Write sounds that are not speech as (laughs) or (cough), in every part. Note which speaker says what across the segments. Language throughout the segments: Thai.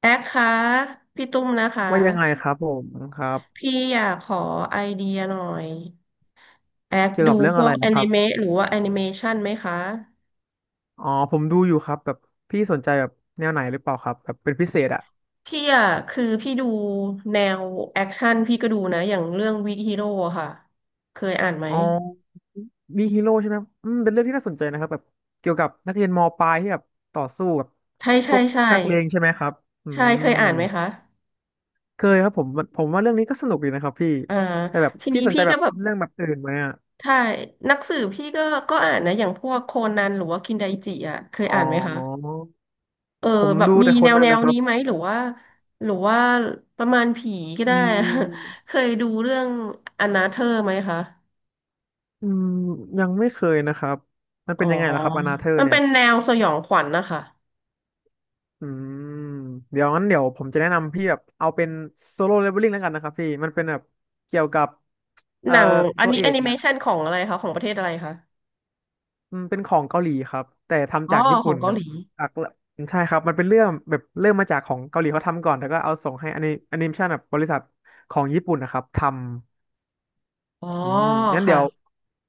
Speaker 1: แอคคะพี่ตุ้มนะคะ
Speaker 2: ว่ายังไงครับผมครับ
Speaker 1: พี่อยากขอไอเดียหน่อยแอค
Speaker 2: เกี่ยวกั
Speaker 1: ดู
Speaker 2: บเรื่อง
Speaker 1: พ
Speaker 2: อะ
Speaker 1: ว
Speaker 2: ไร
Speaker 1: กแอ
Speaker 2: นะครั
Speaker 1: นิ
Speaker 2: บ
Speaker 1: เมะหรือว่าแอนิเมชันไหมคะ
Speaker 2: อ๋อผมดูอยู่ครับแบบพี่สนใจแบบแนวไหนหรือเปล่าครับแบบเป็นพิเศษอ่ะ
Speaker 1: พี่อะคือพี่ดูแนวแอคชั่นพี่ก็ดูนะอย่างเรื่องวิกฮีโร่ค่ะเคยอ่านไหม
Speaker 2: อ๋อมีฮีโร่ใช่ไหมอืมเป็นเรื่องที่น่าสนใจนะครับแบบเกี่ยวกับนักเรียนมปลายที่แบบต่อสู้กับ
Speaker 1: ใช่
Speaker 2: พ
Speaker 1: ใช่
Speaker 2: วก
Speaker 1: ใช่
Speaker 2: นักเลงใช่ไหมครับอื
Speaker 1: ใช่เค
Speaker 2: ม
Speaker 1: ยอ่านไหมคะ
Speaker 2: เคยครับผมมันผมว่าเรื่องนี้ก็สนุกดีนะครับพี่
Speaker 1: อ่า
Speaker 2: แต่แบบ
Speaker 1: ที
Speaker 2: พี่
Speaker 1: นี้
Speaker 2: สนใจ
Speaker 1: พี่
Speaker 2: แบ
Speaker 1: ก็
Speaker 2: บ
Speaker 1: แบบ
Speaker 2: เรื่องแบบอื่นไหมอ่ะ
Speaker 1: ใช่หนักสืบพี่ก็อ่านนะอย่างพวกโคนันหรือว่าคินไดจิอะเคย
Speaker 2: อ๋อ
Speaker 1: อ่านไหมคะ เออ
Speaker 2: ผม
Speaker 1: แบบ
Speaker 2: ดู
Speaker 1: มี
Speaker 2: แต่ค
Speaker 1: แน
Speaker 2: น
Speaker 1: ว
Speaker 2: นั้นนะครั
Speaker 1: นี้
Speaker 2: บ
Speaker 1: ไหมหรือว่าหรือว่าประมาณผีก็
Speaker 2: อื
Speaker 1: ได้ (laughs) เค
Speaker 2: ม
Speaker 1: ยดูเรื่องอนาเธอร์ไหมคะ
Speaker 2: อืมยังไม่เคยนะครับมัน
Speaker 1: อ๋
Speaker 2: เป็
Speaker 1: อ
Speaker 2: นยังไงล่ะครับอนาเธอร์
Speaker 1: มัน
Speaker 2: เนี่
Speaker 1: เป็
Speaker 2: ย
Speaker 1: นแนวสยองขวัญนะคะ
Speaker 2: อืมเดี๋ยวงั้นเดี๋ยวผมจะแนะนำพี่แบบเอาเป็นโซโล่เลเวลลิ่งแล้วกันนะครับพี่มันเป็นแบบเกี่ยวกับเอ่
Speaker 1: ห
Speaker 2: อ
Speaker 1: นังอัน
Speaker 2: ตัว
Speaker 1: นี้
Speaker 2: เอ
Speaker 1: แอ
Speaker 2: ก
Speaker 1: นิเม
Speaker 2: เนี่ย
Speaker 1: ชันของอะไรคะของประเทศอะไรคะ
Speaker 2: มันเป็นของเกาหลีครับแต่
Speaker 1: อ๋
Speaker 2: ทำ
Speaker 1: อ
Speaker 2: จากญี่
Speaker 1: ขอ
Speaker 2: ปุ่
Speaker 1: ง
Speaker 2: น
Speaker 1: เกา
Speaker 2: แบ
Speaker 1: ห
Speaker 2: บ
Speaker 1: ลี
Speaker 2: จากใช่ครับมันเป็นเรื่องแบบเริ่มมาจากของเกาหลีเขาทำก่อนแล้วก็เอาส่งให้อนิเมชันแบบบริษัทของญี่ปุ่นนะครับทำ
Speaker 1: อ๋อ
Speaker 2: อืมงั้นเดี๋ยว
Speaker 1: ค่ะ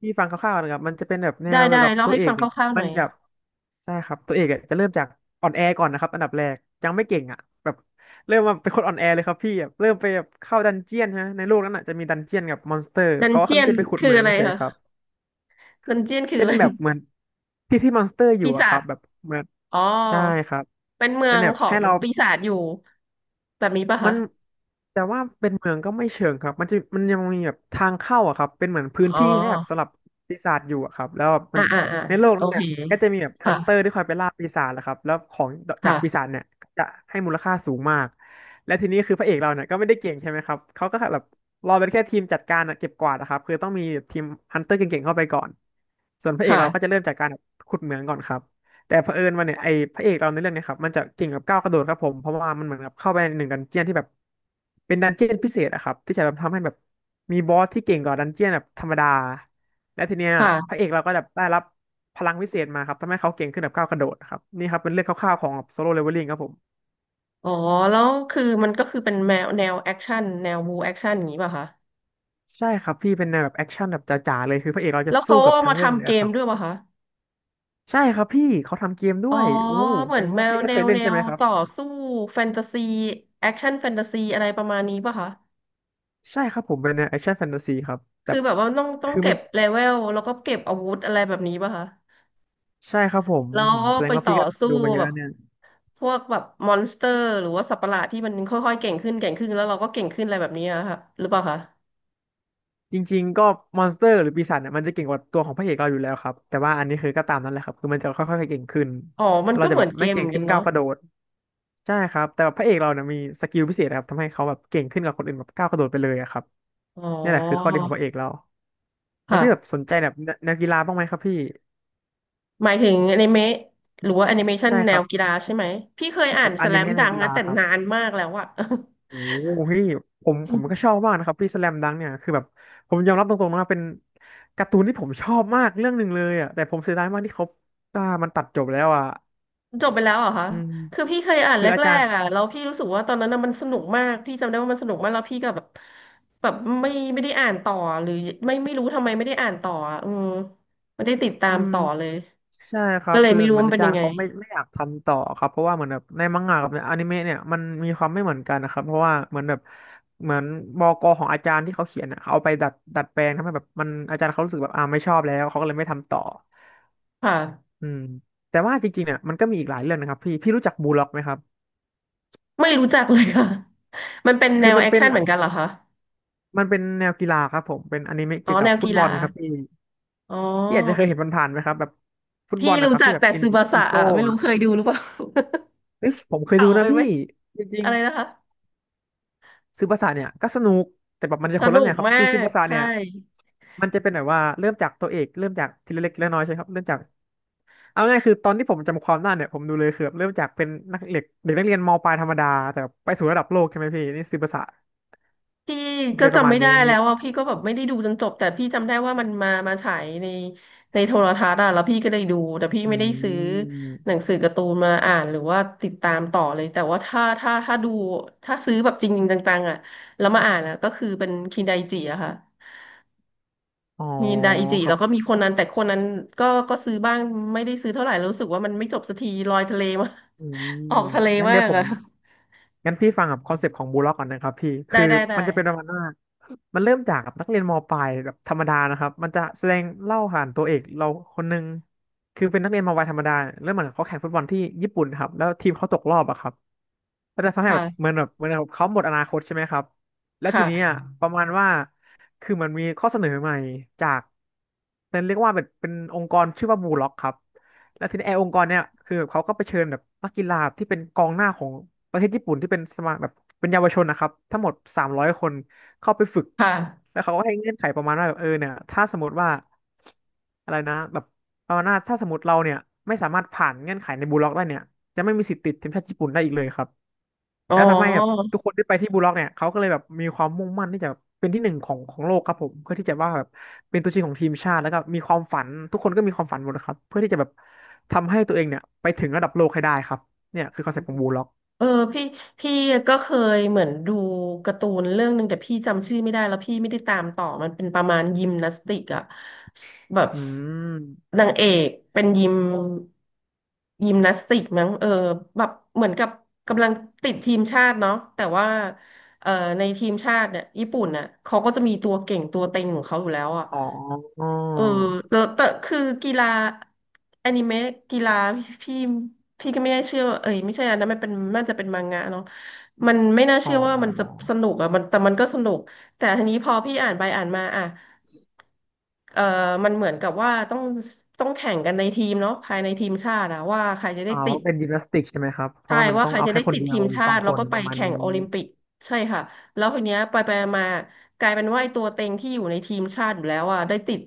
Speaker 2: พี่ฟังคร่าวๆนะครับมันจะเป็นแบบแน
Speaker 1: ได้
Speaker 2: วเกี่ยว
Speaker 1: ได้
Speaker 2: กับ
Speaker 1: เล่า
Speaker 2: ตัว
Speaker 1: ให้
Speaker 2: เอ
Speaker 1: ฟั
Speaker 2: ก
Speaker 1: งค
Speaker 2: เนี่ย
Speaker 1: ร่าวๆห
Speaker 2: มั
Speaker 1: น่
Speaker 2: น
Speaker 1: อย
Speaker 2: จะใช่ครับตัวเอกอะจะเริ่มจากอ่อนแอก่อนนะครับอันดับแรกยังไม่เก่งอ่ะแบบเริ่มมาเป็นคนอ่อนแอเลยครับพี่แบบเริ่มไปแบบเข้าดันเจียนใช่ไหมในโลกนั้นอ่ะจะมีดันเจียนกับมอนสเตอร์
Speaker 1: ดัน
Speaker 2: เขาว่า
Speaker 1: เจี
Speaker 2: เขา
Speaker 1: ยน
Speaker 2: จะไปขุด
Speaker 1: คื
Speaker 2: เห
Speaker 1: อ
Speaker 2: มือง
Speaker 1: อะไร
Speaker 2: ใช่
Speaker 1: คะ
Speaker 2: ครับ
Speaker 1: ดันเจียนคือ
Speaker 2: เป็
Speaker 1: อะ
Speaker 2: น
Speaker 1: ไร
Speaker 2: แบบเหมือนที่ที่มอนสเตอร์อยู่
Speaker 1: ปี
Speaker 2: อะค
Speaker 1: ศา
Speaker 2: รั
Speaker 1: จ
Speaker 2: บแบบเหมือน
Speaker 1: อ๋อ
Speaker 2: ใช่ครับ
Speaker 1: เป็นเมื
Speaker 2: เป็
Speaker 1: อ
Speaker 2: น
Speaker 1: ง
Speaker 2: แบบ
Speaker 1: ขอ
Speaker 2: ให้
Speaker 1: ง
Speaker 2: เรา
Speaker 1: ปีศาจอยู่แบบนี้ปะ
Speaker 2: มั
Speaker 1: คะ
Speaker 2: นแต่ว่าเป็นเมืองก็ไม่เชิงครับมันยังมีแบบทางเข้าอะครับเป็นเหมือนพื้น
Speaker 1: อ๋อ
Speaker 2: ที่ให้แบบสำหรับปีศาจอยู่อะครับแล้วแบบมั
Speaker 1: อ่า
Speaker 2: น
Speaker 1: อ่าอ่า
Speaker 2: ในโลก
Speaker 1: โอ
Speaker 2: นั้น
Speaker 1: เค
Speaker 2: เนี่ยก็จะมีแบบฮั
Speaker 1: ค่ะ
Speaker 2: นเตอร์ที่คอยไปล่าปีศาจแหละครับแล้วของจาก
Speaker 1: ค่ะ
Speaker 2: ปีศาจเนี่ยก็จะให้มูลค่าสูงมากและทีนี้คือพระเอกเราเนี่ยก็ไม่ได้เก่งใช่ไหมครับเขาก็แบบรอเป็นแค่ทีมจัดการอะเก็บกวาดนะครับคือต้องมีทีมฮันเตอร์เก่งๆเข้าไปก่อนส่วนพระเอกเราก็
Speaker 1: ค่ะ
Speaker 2: จะเริ่มจากการแบบขุดเหมืองก่อนครับ แต่เผอิญว่าเนี่ยไอ้พระเอกเราในเรื่องเนี่ยครับมันจะเก่งกับก้าวกระโดดครับผมเพราะว่ามันเหมือนกับเข้าไปในหนึ่งดันเจียนที่แบบเป็นดันเจียนพิเศษอะครับที่จะแบบทำให้แบบมีบอสที่เก่งกว่าดันเจียนแบบธรรมดาและทีเนี้ยพระ
Speaker 1: ค่ะ
Speaker 2: เอกเราก็แบบได้รับพลังพิเศษมาครับทำให้เขาเก่งขึ้นแบบก้าวกระโดดครับนี่ครับเป็นเรื่องคร่าวๆของโซโล่เลเวลลิ่งครับผม
Speaker 1: อ๋อแล้วคือมันก็คือเป็นแนวแอคชั่นแนวบูแอคชั่นอย่างนี้ป่ะคะ
Speaker 2: ใช่ครับพี่เป็นแนวแบบแอคชั่นแบบจ๋าๆเลยคือพระเอกเราจะ
Speaker 1: แล้ว
Speaker 2: สู้
Speaker 1: เขา
Speaker 2: กับ
Speaker 1: เอา
Speaker 2: ทั้ง
Speaker 1: มา
Speaker 2: เรื่องเล
Speaker 1: ทำ
Speaker 2: ย
Speaker 1: เก
Speaker 2: อะค
Speaker 1: ม
Speaker 2: รับ
Speaker 1: ด้วยป่ะคะ
Speaker 2: ใช่ครับพี่เขาทำเกมด้
Speaker 1: อ๋อ
Speaker 2: วยอู้
Speaker 1: เหมื
Speaker 2: แส
Speaker 1: อน
Speaker 2: ดง
Speaker 1: แน
Speaker 2: ว่า
Speaker 1: ว
Speaker 2: พี่ก็เคยเล่นใช่ไหมครับ
Speaker 1: ต่อสู้แฟนตาซีแอคชั่นแฟนตาซีอะไรประมาณนี้ป่ะคะ
Speaker 2: ใช่ครับผมเป็นแนวแอคชั่นแฟนตาซีครับแต่
Speaker 1: คือแบบว่าต้อง
Speaker 2: คือ
Speaker 1: เก็
Speaker 2: มัน
Speaker 1: บเลเวลแล้วก็เก็บอาวุธอะไรแบบนี้ป่ะคะ
Speaker 2: ใช่ครับผม
Speaker 1: แล้วก็
Speaker 2: แสด
Speaker 1: ไป
Speaker 2: งว่า
Speaker 1: ต่อ
Speaker 2: พี่ก็
Speaker 1: สู้
Speaker 2: ดูมาเย
Speaker 1: แบ
Speaker 2: อะ
Speaker 1: บ
Speaker 2: เนี่ย
Speaker 1: พวกแบบมอนสเตอร์หรือว่าสัตว์ประหลาดที่มันค่อยๆเก่งขึ้นเก่งขึ้นแล้วเราก็เก่งขึ้นอะไรแบบนี้อะค่ะหรือเปล่าคะ
Speaker 2: จริงๆก็มอนสเตอร์หรือปีศาจเนี่ยมันจะเก่งกว่าตัวของพระเอกเราอยู่แล้วครับแต่ว่าอันนี้คือก็ตามนั้นแหละครับคือมันจะค่อยๆเก่งขึ้น
Speaker 1: อ๋อมัน
Speaker 2: เรา
Speaker 1: ก็
Speaker 2: จะ
Speaker 1: เหมื
Speaker 2: แบ
Speaker 1: อ
Speaker 2: บ
Speaker 1: นเก
Speaker 2: ไม่
Speaker 1: มเห
Speaker 2: เก่
Speaker 1: มื
Speaker 2: ง
Speaker 1: อนกั
Speaker 2: ขึ้น
Speaker 1: น
Speaker 2: ก้าว
Speaker 1: เนาะ
Speaker 2: กระโดดใช่ครับแต่ว่าพระเอกเราเนี่ยมีสกิลพิเศษครับทำให้เขาแบบเก่งขึ้นกว่าคนอื่นแบบก้าวกระโดดไปเลยอะครับ
Speaker 1: อ๋อ
Speaker 2: นี่แหละคือข้อดีของพระเอกเราแล้ว
Speaker 1: ค่ะ
Speaker 2: พี่แบบสนใจแบบแนวกีฬาบ้างไหมครับพี่
Speaker 1: หมายถึงอนิเมะหรือว่าแอนิเมชัน
Speaker 2: ใช่
Speaker 1: แน
Speaker 2: ครั
Speaker 1: ว
Speaker 2: บ
Speaker 1: กีฬาใช่ไหมพี่เคยอ่า
Speaker 2: แบ
Speaker 1: น
Speaker 2: บอ
Speaker 1: สแล
Speaker 2: นิ
Speaker 1: ม
Speaker 2: เมะแน
Speaker 1: ดั
Speaker 2: ว
Speaker 1: ง
Speaker 2: กี
Speaker 1: นะ
Speaker 2: ฬา
Speaker 1: แต่
Speaker 2: ครับ
Speaker 1: นานมากแล้วอะ
Speaker 2: โอ้
Speaker 1: (laughs)
Speaker 2: พี่ผมผมก็ชอบมากนะครับพี่สแลมดังเนี่ยคือแบบผมยอมรับตรงๆนะเป็นการ์ตูนที่ผมชอบมากเรื่องหนึ่งเลยอ่ะแต่ผมเสียดายมากที่เขามันตัดจบแล้วอ่ะ
Speaker 1: จบไปแล้วเหรอคะ
Speaker 2: อืม
Speaker 1: คือพี่เคยอ่าน
Speaker 2: คือ
Speaker 1: แร
Speaker 2: อาจาร
Speaker 1: ก
Speaker 2: ย์
Speaker 1: ๆอะแล้วพี่รู้สึกว่าตอนนั้นน่ะมันสนุกมากพี่จำได้ว่ามันสนุกมากแล้วพี่ก็แบบไม่ได้อ่านต่อหรือไม่รู้ทำไมไม่ได้อ่านต่ออะอืมไม่ได้ติดตา
Speaker 2: อื
Speaker 1: ม
Speaker 2: ม
Speaker 1: ต่อเลย
Speaker 2: ใช่ครั
Speaker 1: ก็
Speaker 2: บ
Speaker 1: เลย
Speaker 2: คือ
Speaker 1: ไม่รู้
Speaker 2: เหมือ
Speaker 1: ว่า
Speaker 2: น
Speaker 1: มัน
Speaker 2: อา
Speaker 1: เป็น
Speaker 2: จา
Speaker 1: ยั
Speaker 2: ร
Speaker 1: ง
Speaker 2: ย์
Speaker 1: ไง
Speaker 2: เขาไม่อยากทำต่อครับเพราะว่าเหมือนแบบในมังงะกับในอนิเมะเนี่ยมันมีความไม่เหมือนกันนะครับเพราะว่าเหมือนแบบเหมือนบกของอาจารย์ที่เขาเขียนอ่ะเขาเอาไปดัดแปลงทำให้แบบมันอาจารย์เขารู้สึกแบบไม่ชอบแล้วเขาก็เลยไม่ทำต่อ
Speaker 1: ค่ะ
Speaker 2: อืมแต่ว่าจริงๆเนี่ยมันก็มีอีกหลายเรื่องนะครับพี่ พี่รู้จักบูลล็อกไหมครับ
Speaker 1: ไม่รู้จักเลยค่ะ (laughs) มันเป็นแน
Speaker 2: คือ
Speaker 1: ว
Speaker 2: มัน
Speaker 1: แอค
Speaker 2: เป็น
Speaker 1: ชั่นเหมือนกันเหรอคะ
Speaker 2: มันเป็นแนวกีฬาครับผม เป็นอนิเมะ
Speaker 1: อ๋อ
Speaker 2: เกี่ยวกั
Speaker 1: แน
Speaker 2: บ
Speaker 1: ว
Speaker 2: ฟุ
Speaker 1: กี
Speaker 2: ตบอ
Speaker 1: ฬา
Speaker 2: ลครับพี่
Speaker 1: อ๋อ
Speaker 2: พี่อาจจะเคยเห็นผ่านๆไหมครับแบบฟุตบ
Speaker 1: พี่
Speaker 2: อลนะ
Speaker 1: รู้
Speaker 2: ครับ
Speaker 1: จัก
Speaker 2: ที่แบบ
Speaker 1: แต่
Speaker 2: เป็น
Speaker 1: ซึบาสะ
Speaker 2: อีโก้
Speaker 1: อ่ะไม่รู้เคยดูหรือเปล่า
Speaker 2: เอ้ยผมเค
Speaker 1: (laughs)
Speaker 2: ย
Speaker 1: เก่า
Speaker 2: ดู
Speaker 1: ไป
Speaker 2: นะ
Speaker 1: ไหม
Speaker 2: พี่จริง
Speaker 1: อะไรนะคะ
Speaker 2: ๆซื้อภาษาเนี่ยก็สนุกแต่แบบมันจะ
Speaker 1: ส
Speaker 2: คนละ
Speaker 1: นุ
Speaker 2: แน
Speaker 1: ก
Speaker 2: วครับ
Speaker 1: มา
Speaker 2: คือซื้อ
Speaker 1: ก
Speaker 2: ภาษา
Speaker 1: ใช่
Speaker 2: เนี่ยมันจะเป็นแบบว่าเริ่มจากตัวเอกเริ่มจากทีละเล็กทีละน้อยใช่ไหมครับเริ่มจากเอาง่ายคือตอนที่ผมจำความได้เนี่ยผมดูเลยคือแบบเริ่มจากเป็นนักเด็กเด็กนักเรียนมปลายธรรมดาแต่ไปสู่ระดับโลกใช่ไหมพี่นี่ซื้อภาษา
Speaker 1: พี่ก็
Speaker 2: เป็นประ
Speaker 1: จำ
Speaker 2: มาณ
Speaker 1: ไม่ได้
Speaker 2: นี้
Speaker 1: แล้วว่าพี่ก็แบบไม่ได้ดูจนจบแต่พี่จำได้ว่ามันมาฉายในในโทรทัศน์อ่ะแล้วพี่ก็ได้ดูแต่พี่
Speaker 2: อื
Speaker 1: ไม่ได้ซื้อหนัง
Speaker 2: ม
Speaker 1: สือการ์ตูนมาอ่านหรือว่าติดตามต่อเลยแต่ว่าถ้าดูถ้าซื้อแบบจริงๆจังๆอ่ะแล้วมาอ่านอะก็คือเป็นคินไดจิอะค่ะ
Speaker 2: อ๋อ
Speaker 1: มีดาอิจิ
Speaker 2: ครั
Speaker 1: แล้วก็มี
Speaker 2: บ
Speaker 1: คนนั้นแต่คนนั้นก็ซื้อบ้างไม่ได้ซื้อเท่าไหร่แล้วรู้สึกว่ามันไม่จบสักทีลอยทะเลมาก
Speaker 2: อื
Speaker 1: (laughs) ออ
Speaker 2: ม
Speaker 1: กทะเล
Speaker 2: งั้น
Speaker 1: มา
Speaker 2: เดี๋ยว
Speaker 1: ก
Speaker 2: ผม
Speaker 1: อะ
Speaker 2: งั้นพี่ฟังกับคอนเซปต์ของบูล็อกก่อนนะครับพี่
Speaker 1: ได้
Speaker 2: คือ
Speaker 1: ได้ได้
Speaker 2: มันจะเป็นประมาณว่ามันเริ่มจากนักเรียนมปลายแบบธรรมดานะครับมันจะแสดงเล่าผ่านตัวเอกเราคนหนึ่งคือเป็นนักเรียนมปลายธรรมดาเริ่มเหมือนเขาแข่งฟุตบอลที่ญี่ปุ่นครับแล้วทีมเขาตกรอบอะครับก็จะทำให้แบบเห
Speaker 1: ค่ะ
Speaker 2: มือนแบบเหมือนแบบเขาหมดอนาคตใช่ไหมครับแล้วทีนี้
Speaker 1: ค่ะ
Speaker 2: อะประมาณว่าคือมันมีข้อเสนอใหม่จากเป็นเรียกว่าเป็นองค์กรชื่อว่าบูล็อกครับ แล้วทีนี้ไอ้องค์กรเนี่ยคือแบบเขาก็ไปเชิญแบบนักกีฬาที่เป็นกองหน้าของประเทศญี่ปุ่นที่เป็นสมาแบบเป็นเยาวชนนะครับทั้งหมด300คนเข้าไปฝึก
Speaker 1: ค่ะ
Speaker 2: แล้วเขาก็ให้เงื่อนไขประมาณว่าแบบเนี่ยถ้าสมมติว่าอะไรนะแบบประมาณว่าถ้าสมมติเราเนี่ยไม่สามารถผ่านเงื่อนไขในบูลล็อกได้เนี่ยจะไม่มีสิทธิ์ติดทีมชาติญี่ปุ่นได้อีกเลยครับ
Speaker 1: อ๋อ
Speaker 2: แล้วทำให้แบบทุกคนที่ไปที่บูล็อกเนี่ยเขาก็เลยแบบมีความมุ่งมั่นที่จะเป็นที่หนึ่งของโลกครับผมเพื่อที่จะว่าแบบเป็นตัวจริงของทีมชาติแล้วก็มีความฝันทุกคนก็มีความฝันหมดนะครับเพื่อที่จะแบบทำให้ตัวเองเนี่ยไปถึงระดับโลกให้ได้ครับเนี่ยคือคอนเซ็ปต์ของบูลล็อก
Speaker 1: เออพี่พี่ก็เคยเหมือนดูการ์ตูนเรื่องหนึ่งแต่พี่จำชื่อไม่ได้แล้วพี่ไม่ได้ตามต่อมันเป็นประมาณยิมนาสติกอะแบบ
Speaker 2: อืม
Speaker 1: นางเอกเป็นยิมนาสติกมั้งเออแบบเหมือนกับกำลังติดทีมชาติเนาะแต่ว่าเอ่อในทีมชาติเนี่ยญี่ปุ่นน่ะเขาก็จะมีตัวเก่งตัวเต็งของเขาอยู่แล้วอะ
Speaker 2: อ๋ออ๋อ
Speaker 1: เออแล้วแต่คือกีฬาอนิเมะกีฬาพี่พี่ก็ไม่ได้เชื่อว่าเอ้ยไม่ใช่อันนั้นมันเป็นน่าจะเป็นมังงะเนาะมันไม่น่า
Speaker 2: อ๋อ
Speaker 1: เชื่อว่ามันจะสนุกอ่ะมันแต่มันก็สนุกแต่ทีนี้พอพี่อ่านไปอ่านมาอ่ะเออมันเหมือนกับว่าต้องแข่งกันในทีมเนาะภายในทีมชาติอะว่าใครจะได้
Speaker 2: อ๋อ
Speaker 1: ติ
Speaker 2: เพ
Speaker 1: ด
Speaker 2: ราะเป็นยิมนาสติกใช่ไหมครับเพ
Speaker 1: ใช่
Speaker 2: ราะว่ามัน
Speaker 1: ว่า
Speaker 2: ต้อ
Speaker 1: ใค
Speaker 2: ง
Speaker 1: ร
Speaker 2: เอา
Speaker 1: จะ
Speaker 2: แค่
Speaker 1: ได้
Speaker 2: คน
Speaker 1: ติด
Speaker 2: เดีย
Speaker 1: ที
Speaker 2: ว
Speaker 1: ม
Speaker 2: หรือ
Speaker 1: ชา
Speaker 2: สอง
Speaker 1: ติ
Speaker 2: ค
Speaker 1: แล้ว
Speaker 2: น
Speaker 1: ก็ไป
Speaker 2: ประมาณ
Speaker 1: แข่
Speaker 2: นี้
Speaker 1: งโอลิมปิกใช่ค่ะแล้วทีเนี้ยไปมากลายเป็นว่าไอ้ตัวเต็งที่อยู่ในทีมชาติอยู่แล้วอ่ะได้ติด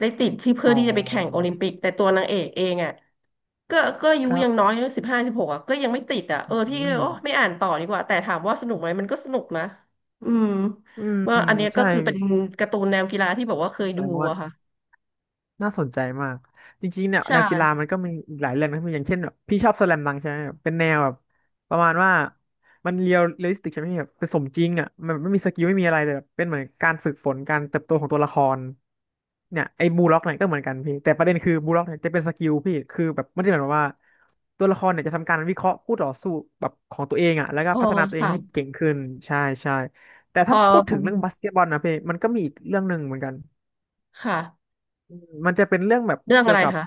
Speaker 1: ได้ติดที่เพื่
Speaker 2: อ๋
Speaker 1: อที่จะไปแข่งโอ
Speaker 2: อ
Speaker 1: ลิมปิกแต่ตัวนางเอกเองอ่ะก็อายุ
Speaker 2: ครั
Speaker 1: ยังน้
Speaker 2: บ
Speaker 1: อย15-16อ่ะก็ยังไม่ติดอ่ะเอ
Speaker 2: อื
Speaker 1: อพี่
Speaker 2: ม
Speaker 1: เลยโอ้ไม่อ่านต่อดีกว่าแต่ถามว่าสนุกไหมมันก็สนุกนะอืม
Speaker 2: อืม
Speaker 1: ว่าอันเนี้ยก็
Speaker 2: ใช่
Speaker 1: คือเป็นการ์ตูนแนวกีฬาที่แบบว่าเคย
Speaker 2: แส
Speaker 1: ดู
Speaker 2: ดงว่า
Speaker 1: อะค่ะ
Speaker 2: น่าสนใจมากจริงๆเนี่ย
Speaker 1: ใช่
Speaker 2: แนวกีฬามันก็มีอีกหลายเรื่องนะพี่อย่างเช่นแบบพี่ชอบสแลมดังก์ใช่ไหมแบบเป็นแนวแบบประมาณว่ามันเรียลลิสติกใช่ไหมพี่แบบเป็นสมจริงอ่ะมันไม่มีสกิลไม่มีอะไรเลยแบบเป็นเหมือนการฝึกฝนการเติบโตของตัวละครเนี่ยไอ้บูล็อกเนี่ยก็เหมือนกันพี่แต่ประเด็นคือบูล็อกเนี่ยจะเป็นสกิลพี่คือแบบไม่ได้หมายความว่าตัวละครเนี่ยจะทำการวิเคราะห์คู่ต่อสู้แบบของตัวเองอ่ะแล้วก็
Speaker 1: เออ
Speaker 2: พัฒนาตัวเองให้
Speaker 1: ค่ะ
Speaker 2: เก่งขึ้นใช่ใช่แต่
Speaker 1: พอ
Speaker 2: ถ้าพูด
Speaker 1: อื
Speaker 2: ถึง
Speaker 1: ม
Speaker 2: เรื่องบาสเกตบอลนะพี่มันก็มีอีกเรื่องหนึ่งเหมือนกัน
Speaker 1: ค่ะ
Speaker 2: อืมมันจะเป็นเรื่องแบบ
Speaker 1: เรื่อง
Speaker 2: เกี่
Speaker 1: อะ
Speaker 2: ย
Speaker 1: ไร
Speaker 2: วกับ
Speaker 1: คะ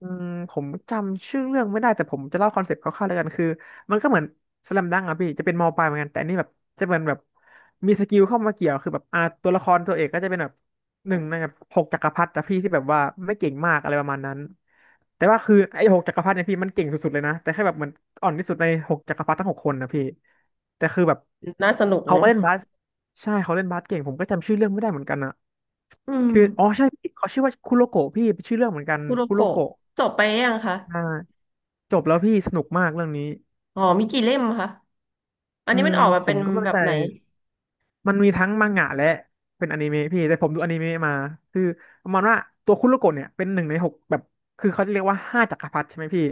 Speaker 2: อืมผมจำชื่อเรื่องไม่ได้แต่ผมจะเล่าคอนเซ็ปต์คร่าวๆแล้วกันคือมันก็เหมือนสแลมดังก์อะพี่จะเป็นมอปลายเหมือนกันแต่อันนี่แบบจะเป็นแบบมีสกิลเข้ามาเกี่ยวคือแบบตัวละครตัวเอกก็จะเป็นแบบหนึ่งในแบบหกจักรพรรดิอะพี่ที่แบบว่าไม่เก่งมากอะไรประมาณนั้นแต่ว่าคือไอ้หกจักรพรรดิเนี่ยพี่มันเก่งสุดๆเลยนะแต่แค่แบบเหมือนอ่อนที่สุดในหกจักรพรรดิทั้งหกคนนะพี่แต่คือแบบ
Speaker 1: น่าสนุก
Speaker 2: เขาก็เล่นบาส ใช่เขาเล่นบาสเก่งผมก็จำชื่อเรื่องไม่ได้เหมือนกันอะ
Speaker 1: อืม
Speaker 2: คืออ๋อใช่พี่เขาชื่อว่าคุโรโกะพี่เป็นชื่อเรื่องเหมือนกัน
Speaker 1: คุโร
Speaker 2: คุโร
Speaker 1: โกะ
Speaker 2: โกะ
Speaker 1: จบไปยังคะ
Speaker 2: อ่าจบแล้วพี่สนุกมากเรื่องนี้
Speaker 1: อ๋อมีกี่เล่มคะ อัน
Speaker 2: อื
Speaker 1: นี้มั
Speaker 2: ม
Speaker 1: นออกมา
Speaker 2: ผ
Speaker 1: เป็
Speaker 2: ม
Speaker 1: น
Speaker 2: ก็ไม่
Speaker 1: แบ
Speaker 2: เข้า
Speaker 1: บ
Speaker 2: ใจ
Speaker 1: ไหน
Speaker 2: มันมีทั้งมังงะและเป็นอนิเมะพี่แต่ผมดูอนิเมะมาคือประมาณว่าตัวคุโรโกะเนี่ยเป็นหนึ่งในหกแบบคือเขาจะเรียกว่าห้าจักรพรรดิใช่ไหมพี่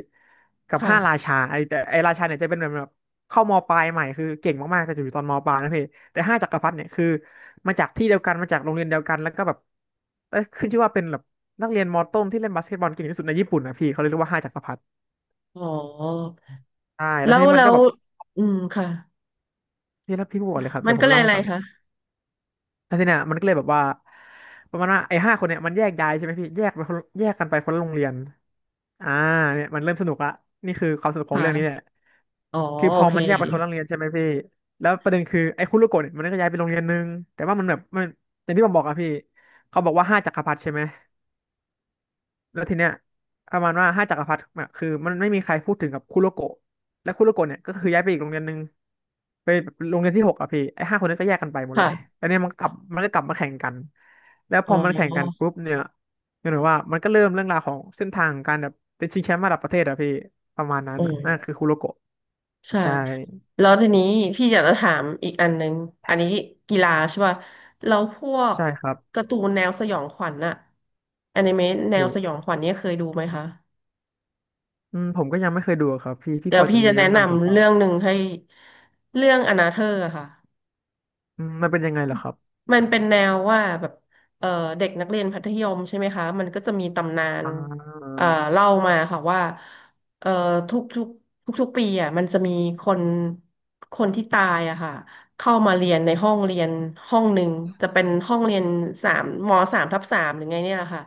Speaker 2: กับ
Speaker 1: ค่ะ
Speaker 2: ห้าราชาไอ้แต่ไอ้ราชาเนี่ยจะเป็นแบบเข้ามปลายใหม่คือเก่งมากๆแต่อยู่ตอนมปลายนะพี่แต่ห้าจักรพรรดิเนี่ยคือมาจากที่เดียวกันมาจากโรงเรียนเดียวกันแล้วก็แบบเอ้ยขึ้นชื่อว่าเป็นแบบนักเรียนมต้นที่เล่นบาสเกตบอลเก่งที่สุดในญี่ปุ่นนะพี่เขาเลยเรียกว่าห้าจักรพรรดิ
Speaker 1: อ๋อ
Speaker 2: ใช่แล้ว
Speaker 1: แล้
Speaker 2: ที
Speaker 1: ว
Speaker 2: นี้มั
Speaker 1: แล้
Speaker 2: นก็
Speaker 1: ว
Speaker 2: แบบ
Speaker 1: อืม ค่ะ
Speaker 2: พี่ถ้าพี่พูดก่อนเลยครับ
Speaker 1: มั
Speaker 2: เดี๋
Speaker 1: น
Speaker 2: ยวผ
Speaker 1: ก็
Speaker 2: ม
Speaker 1: เลย
Speaker 2: เล่า
Speaker 1: อะ
Speaker 2: ให้
Speaker 1: ไร
Speaker 2: ฟัง
Speaker 1: คะ
Speaker 2: แล้วทีเนี้ยมันก็เลยแบบว่าประมาณว่าไอ้ห้าคนเนี่ยมันแยกย้ายใช่ไหมพี่แยกไปคนแยกกันไปคนละโรงเรียนอ่าเนี่ยมันเริ่มสนุกละนี่คือความสนุก
Speaker 1: ค
Speaker 2: ของเรื่องนี้เนี่ย
Speaker 1: ่ะ อ๋อ
Speaker 2: คือพ
Speaker 1: โอ
Speaker 2: อ
Speaker 1: เค
Speaker 2: มันแยกไปคนละโรงเรียนใช่ไหมพี่แล้วประเด็นคือไอ้คุรุโกะเนี่ยมันก็ย้ายไปโรงเรียนนึงแต่ว่ามันแบบมันอย่างที่ผมบอกอะพี่เขาบอกว่าห้าจักรพรรดิใช่ไหม แล้วทีเนี้ยประมาณว่าห้าจักรพรรดิอะคือมันไม่มีใครพูดถึงกับคุโรโกะและคุโรโกะเนี่ยก็คือย้ายไปอีกโรงเรียนหนึ่งไปโรงเรียนที่หกอะพี่ไอ้ห้าคนนั้นก็แยกกันไปหมดเลย
Speaker 1: ค่ะ
Speaker 2: แล้วเนี่ยมันก็กลับมาแข่งกันแล้วพ
Speaker 1: อ๋อ
Speaker 2: อมันแข่งกันปุ๊บเนี่ยก็เหมือนว่ามันก็เริ่มเรื่องราวของเส้นทางของการแบบเป็นชิงแชมป์ระดับประเทศอะพี่ประมาณนั้น
Speaker 1: อ๋
Speaker 2: อะนั่นคือ
Speaker 1: อ
Speaker 2: คุโรโกะ
Speaker 1: ค่ะ
Speaker 2: ใช่
Speaker 1: แล้วทีนี้พี่อยากจะถามอีกอันนึงอันนี้กีฬาใช่ป่ะแล้วพวก
Speaker 2: ใช่ครับ
Speaker 1: การ์ตูนแนวสยองขวัญอะอนิเมะแน
Speaker 2: โ
Speaker 1: วสยอง
Speaker 2: ห
Speaker 1: ขวัญเนี่ยเคยดูไหมคะ
Speaker 2: อืมผมก็ยังไม่เคยดูอะครับพี่พี่
Speaker 1: เดี๋
Speaker 2: พ
Speaker 1: ยว
Speaker 2: อจะ
Speaker 1: พี่
Speaker 2: มี
Speaker 1: จะ
Speaker 2: แนะ
Speaker 1: แนะ
Speaker 2: นำผมเป
Speaker 1: นำ
Speaker 2: ล่า
Speaker 1: เรื่องหนึ่งให้ เรื่องอนาเธอร์อะค่ะ
Speaker 2: อืมมันเป็นยังไงเหรอครับ
Speaker 1: มันเป็นแนวว่าแบบเอ่อเด็กนักเรียนมัธยมใช่ไหมคะมันก็จะมีตำนาน
Speaker 2: อ่า
Speaker 1: เอ่อเล่ามาค่ะว่าเอ่อทุกทุกทุกๆปีอ่ะมันจะมีคนคนที่ตายอะค่ะเข้ามาเรียนในห้องเรียนห้องหนึ่งจะเป็นห้องเรียนสามทับสามหรือไงเนี่ยแหละค่ะ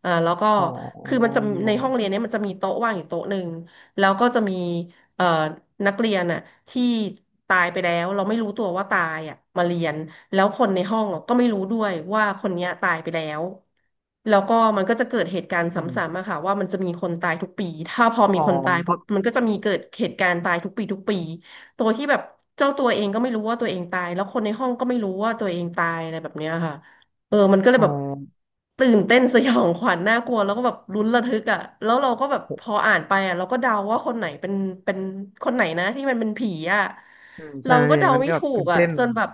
Speaker 1: แล้วก็
Speaker 2: อ๋อ
Speaker 1: คือมันจะในห้องเรียนเนี้ยมันจะมีโต๊ะว่างอยู่โต๊ะหนึ่งแล้วก็จะมีเอ่อนักเรียนอะที่ตายไปแล้วเราไม่รู้ตัวว่าตายอะมาเรียน แล้วคนในห้องอะก็ไม่รู้ด้วยว่าคนเนี้ยตายไปแล้ว แล้วก็มันก็จะเกิดเหตุการณ์ซ
Speaker 2: อืม
Speaker 1: ้ำๆอะค่ะว่ามันจะมีคนตายทุกปี ถ้าพอ
Speaker 2: อ๋
Speaker 1: มี
Speaker 2: อ
Speaker 1: คนตาย
Speaker 2: เพ
Speaker 1: ปุ๊
Speaker 2: ราะ
Speaker 1: บมันก็จะมีเกิดเหตุการณ์ตายทุกปีทุกปีตัวที่แบบเจ้าตัวเองก็ไม่รู้ว่าตัวเองตายแล้วคนในห้องก็ไม่รู้ว่าตัวเองตายอะไรแบบเนี้ยค่ะเออมันก็เลย
Speaker 2: อ๋อ
Speaker 1: แบบตื่นเต้นสยองขวัญน่ากลัวแล้วก็แบบลุ้นระทึกอ่ะแล้วเราก็แบบพอ
Speaker 2: โห
Speaker 1: อ่านไปอ่ะเราก็เดาว่าคนไหนเป็นคนไหนนะที่มันเป็นผีอ่ะ
Speaker 2: อืมใช่
Speaker 1: เรา
Speaker 2: ไหม
Speaker 1: ก็
Speaker 2: พี่
Speaker 1: เดา
Speaker 2: มัน
Speaker 1: ไม่
Speaker 2: ก็แบบ
Speaker 1: ถูก
Speaker 2: ตื่น
Speaker 1: อ่ะ
Speaker 2: เต้น
Speaker 1: จนแบบ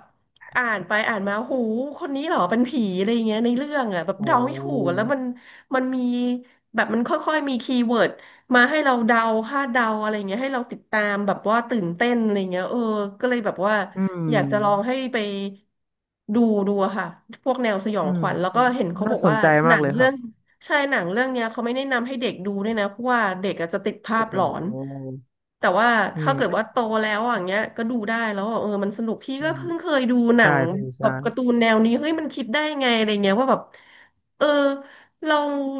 Speaker 1: อ่านไปอ่านมาหูคนนี้เหรอเป็นผีอะไรอย่างเงี้ยในเรื่องอ่ะแบบ
Speaker 2: โอ้
Speaker 1: เดาไม่ถูกอะแล้วมันมีแบบมันค่อยๆมีคีย์เวิร์ดมาให้เราเดาคาดเดาอะไรเงี้ยให้เราติดตามแบบว่าตื่นเต้นอะไรเงี้ยเออก็เลยแบบว่า
Speaker 2: อืม
Speaker 1: อยากจะลองให้ไปดูดูอะค่ะพวกแนวสยอ
Speaker 2: อื
Speaker 1: งข
Speaker 2: ม
Speaker 1: วัญแล้วก็เห็นเขาบ
Speaker 2: น่า
Speaker 1: อก
Speaker 2: สน
Speaker 1: ว่า
Speaker 2: ใจ
Speaker 1: ห
Speaker 2: มา
Speaker 1: นั
Speaker 2: ก
Speaker 1: ง
Speaker 2: เลยค
Speaker 1: เรื่
Speaker 2: รั
Speaker 1: อ
Speaker 2: บ
Speaker 1: ง ใช่หนังเรื่องเนี้ยเขาไม่แนะนำให้เด็กดูด้วยนะเพราะว่าเด็กอาจจะติดภา
Speaker 2: โอ้
Speaker 1: พ
Speaker 2: โห
Speaker 1: หลอนแต่ว่า
Speaker 2: อื
Speaker 1: ถ้า
Speaker 2: ม
Speaker 1: เกิด
Speaker 2: ก็
Speaker 1: ว่าโตแล้วอย่างเงี้ยก็ดูได้แล้วอะเออมันสนุกพี่
Speaker 2: อื
Speaker 1: ก็
Speaker 2: ม
Speaker 1: เพิ่งเคยดูหนั
Speaker 2: ใช่
Speaker 1: ง
Speaker 2: พี่
Speaker 1: แบ
Speaker 2: ใช่
Speaker 1: บการ์ตูนแนวนี้เฮ้ยมันคิดได้ไงอะไรเงี้ยว่าแบบเออเรา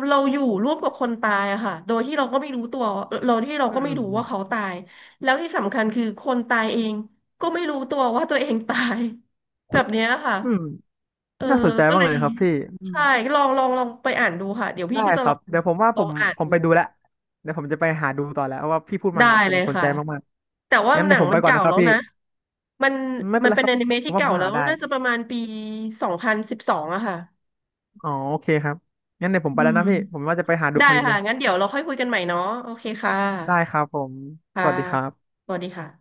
Speaker 1: เราอยู่ร่วมกับคนตายอะค่ะโดยที่เราก็ไม่รู้ตัวเราที่เรา
Speaker 2: อื
Speaker 1: ก็
Speaker 2: ม
Speaker 1: ไม่รู้
Speaker 2: อื
Speaker 1: ว่าเขา
Speaker 2: ม
Speaker 1: ตายแล้วที่สำคัญคือคนตายเองก็ไม่รู้ตัวว่าตัวเองตาย (laughs) แบบเนี้ยค่ะ
Speaker 2: อืม
Speaker 1: เออ
Speaker 2: น่าสนใจ
Speaker 1: ก็
Speaker 2: มา
Speaker 1: เล
Speaker 2: กเล
Speaker 1: ย
Speaker 2: ยครับพี่อืม
Speaker 1: ใช่ลองไปอ่านดูค่ะเดี๋ยวพี่
Speaker 2: ได้
Speaker 1: ก็จะ
Speaker 2: ค
Speaker 1: ล
Speaker 2: รั
Speaker 1: อ
Speaker 2: บ
Speaker 1: ง
Speaker 2: เดี๋ยวผมว่าผม
Speaker 1: อ่าน
Speaker 2: ผม
Speaker 1: ดู
Speaker 2: ไปดูแล้วเดี๋ยวผมจะไปหาดูต่อแล้วเพราะว่าพี่พูดมาอ
Speaker 1: ได้
Speaker 2: ย่างเงี้ยผ
Speaker 1: เล
Speaker 2: ม
Speaker 1: ย
Speaker 2: สน
Speaker 1: ค่ะ
Speaker 2: ใจมาก
Speaker 1: แต่
Speaker 2: ๆ
Speaker 1: ว่า
Speaker 2: งั้น
Speaker 1: ห
Speaker 2: เดี๋
Speaker 1: นั
Speaker 2: ยว
Speaker 1: ง
Speaker 2: ผม
Speaker 1: มั
Speaker 2: ไป
Speaker 1: น
Speaker 2: ก่อน
Speaker 1: เก่า
Speaker 2: นะครั
Speaker 1: แล้
Speaker 2: บ
Speaker 1: ว
Speaker 2: พี่
Speaker 1: นะมัน
Speaker 2: ไม่เป็
Speaker 1: มั
Speaker 2: น
Speaker 1: น
Speaker 2: ไร
Speaker 1: เป็น
Speaker 2: ครั
Speaker 1: อ
Speaker 2: บ
Speaker 1: นิเมะ
Speaker 2: ผ
Speaker 1: ที่
Speaker 2: มว่าผ
Speaker 1: เก่า
Speaker 2: ม
Speaker 1: แล้
Speaker 2: หา
Speaker 1: ว
Speaker 2: ได้
Speaker 1: น่าจะประมาณปี2012อะค่ะ
Speaker 2: อ๋อโอเคครับงั้นเดี๋ยวผม
Speaker 1: อื
Speaker 2: ไปแล้ว
Speaker 1: ม
Speaker 2: นะพี่ ผมว่าจะไปหาดู
Speaker 1: ได้
Speaker 2: พอดีเล
Speaker 1: ค่ะ
Speaker 2: ย
Speaker 1: งั้นเดี๋ยวเราค่อยคุยกันใหม่เนาะโอเคค่ะ
Speaker 2: ได้ครับผม ส
Speaker 1: ค่ะ
Speaker 2: วัสดีครับ
Speaker 1: สวัสดีค่ะ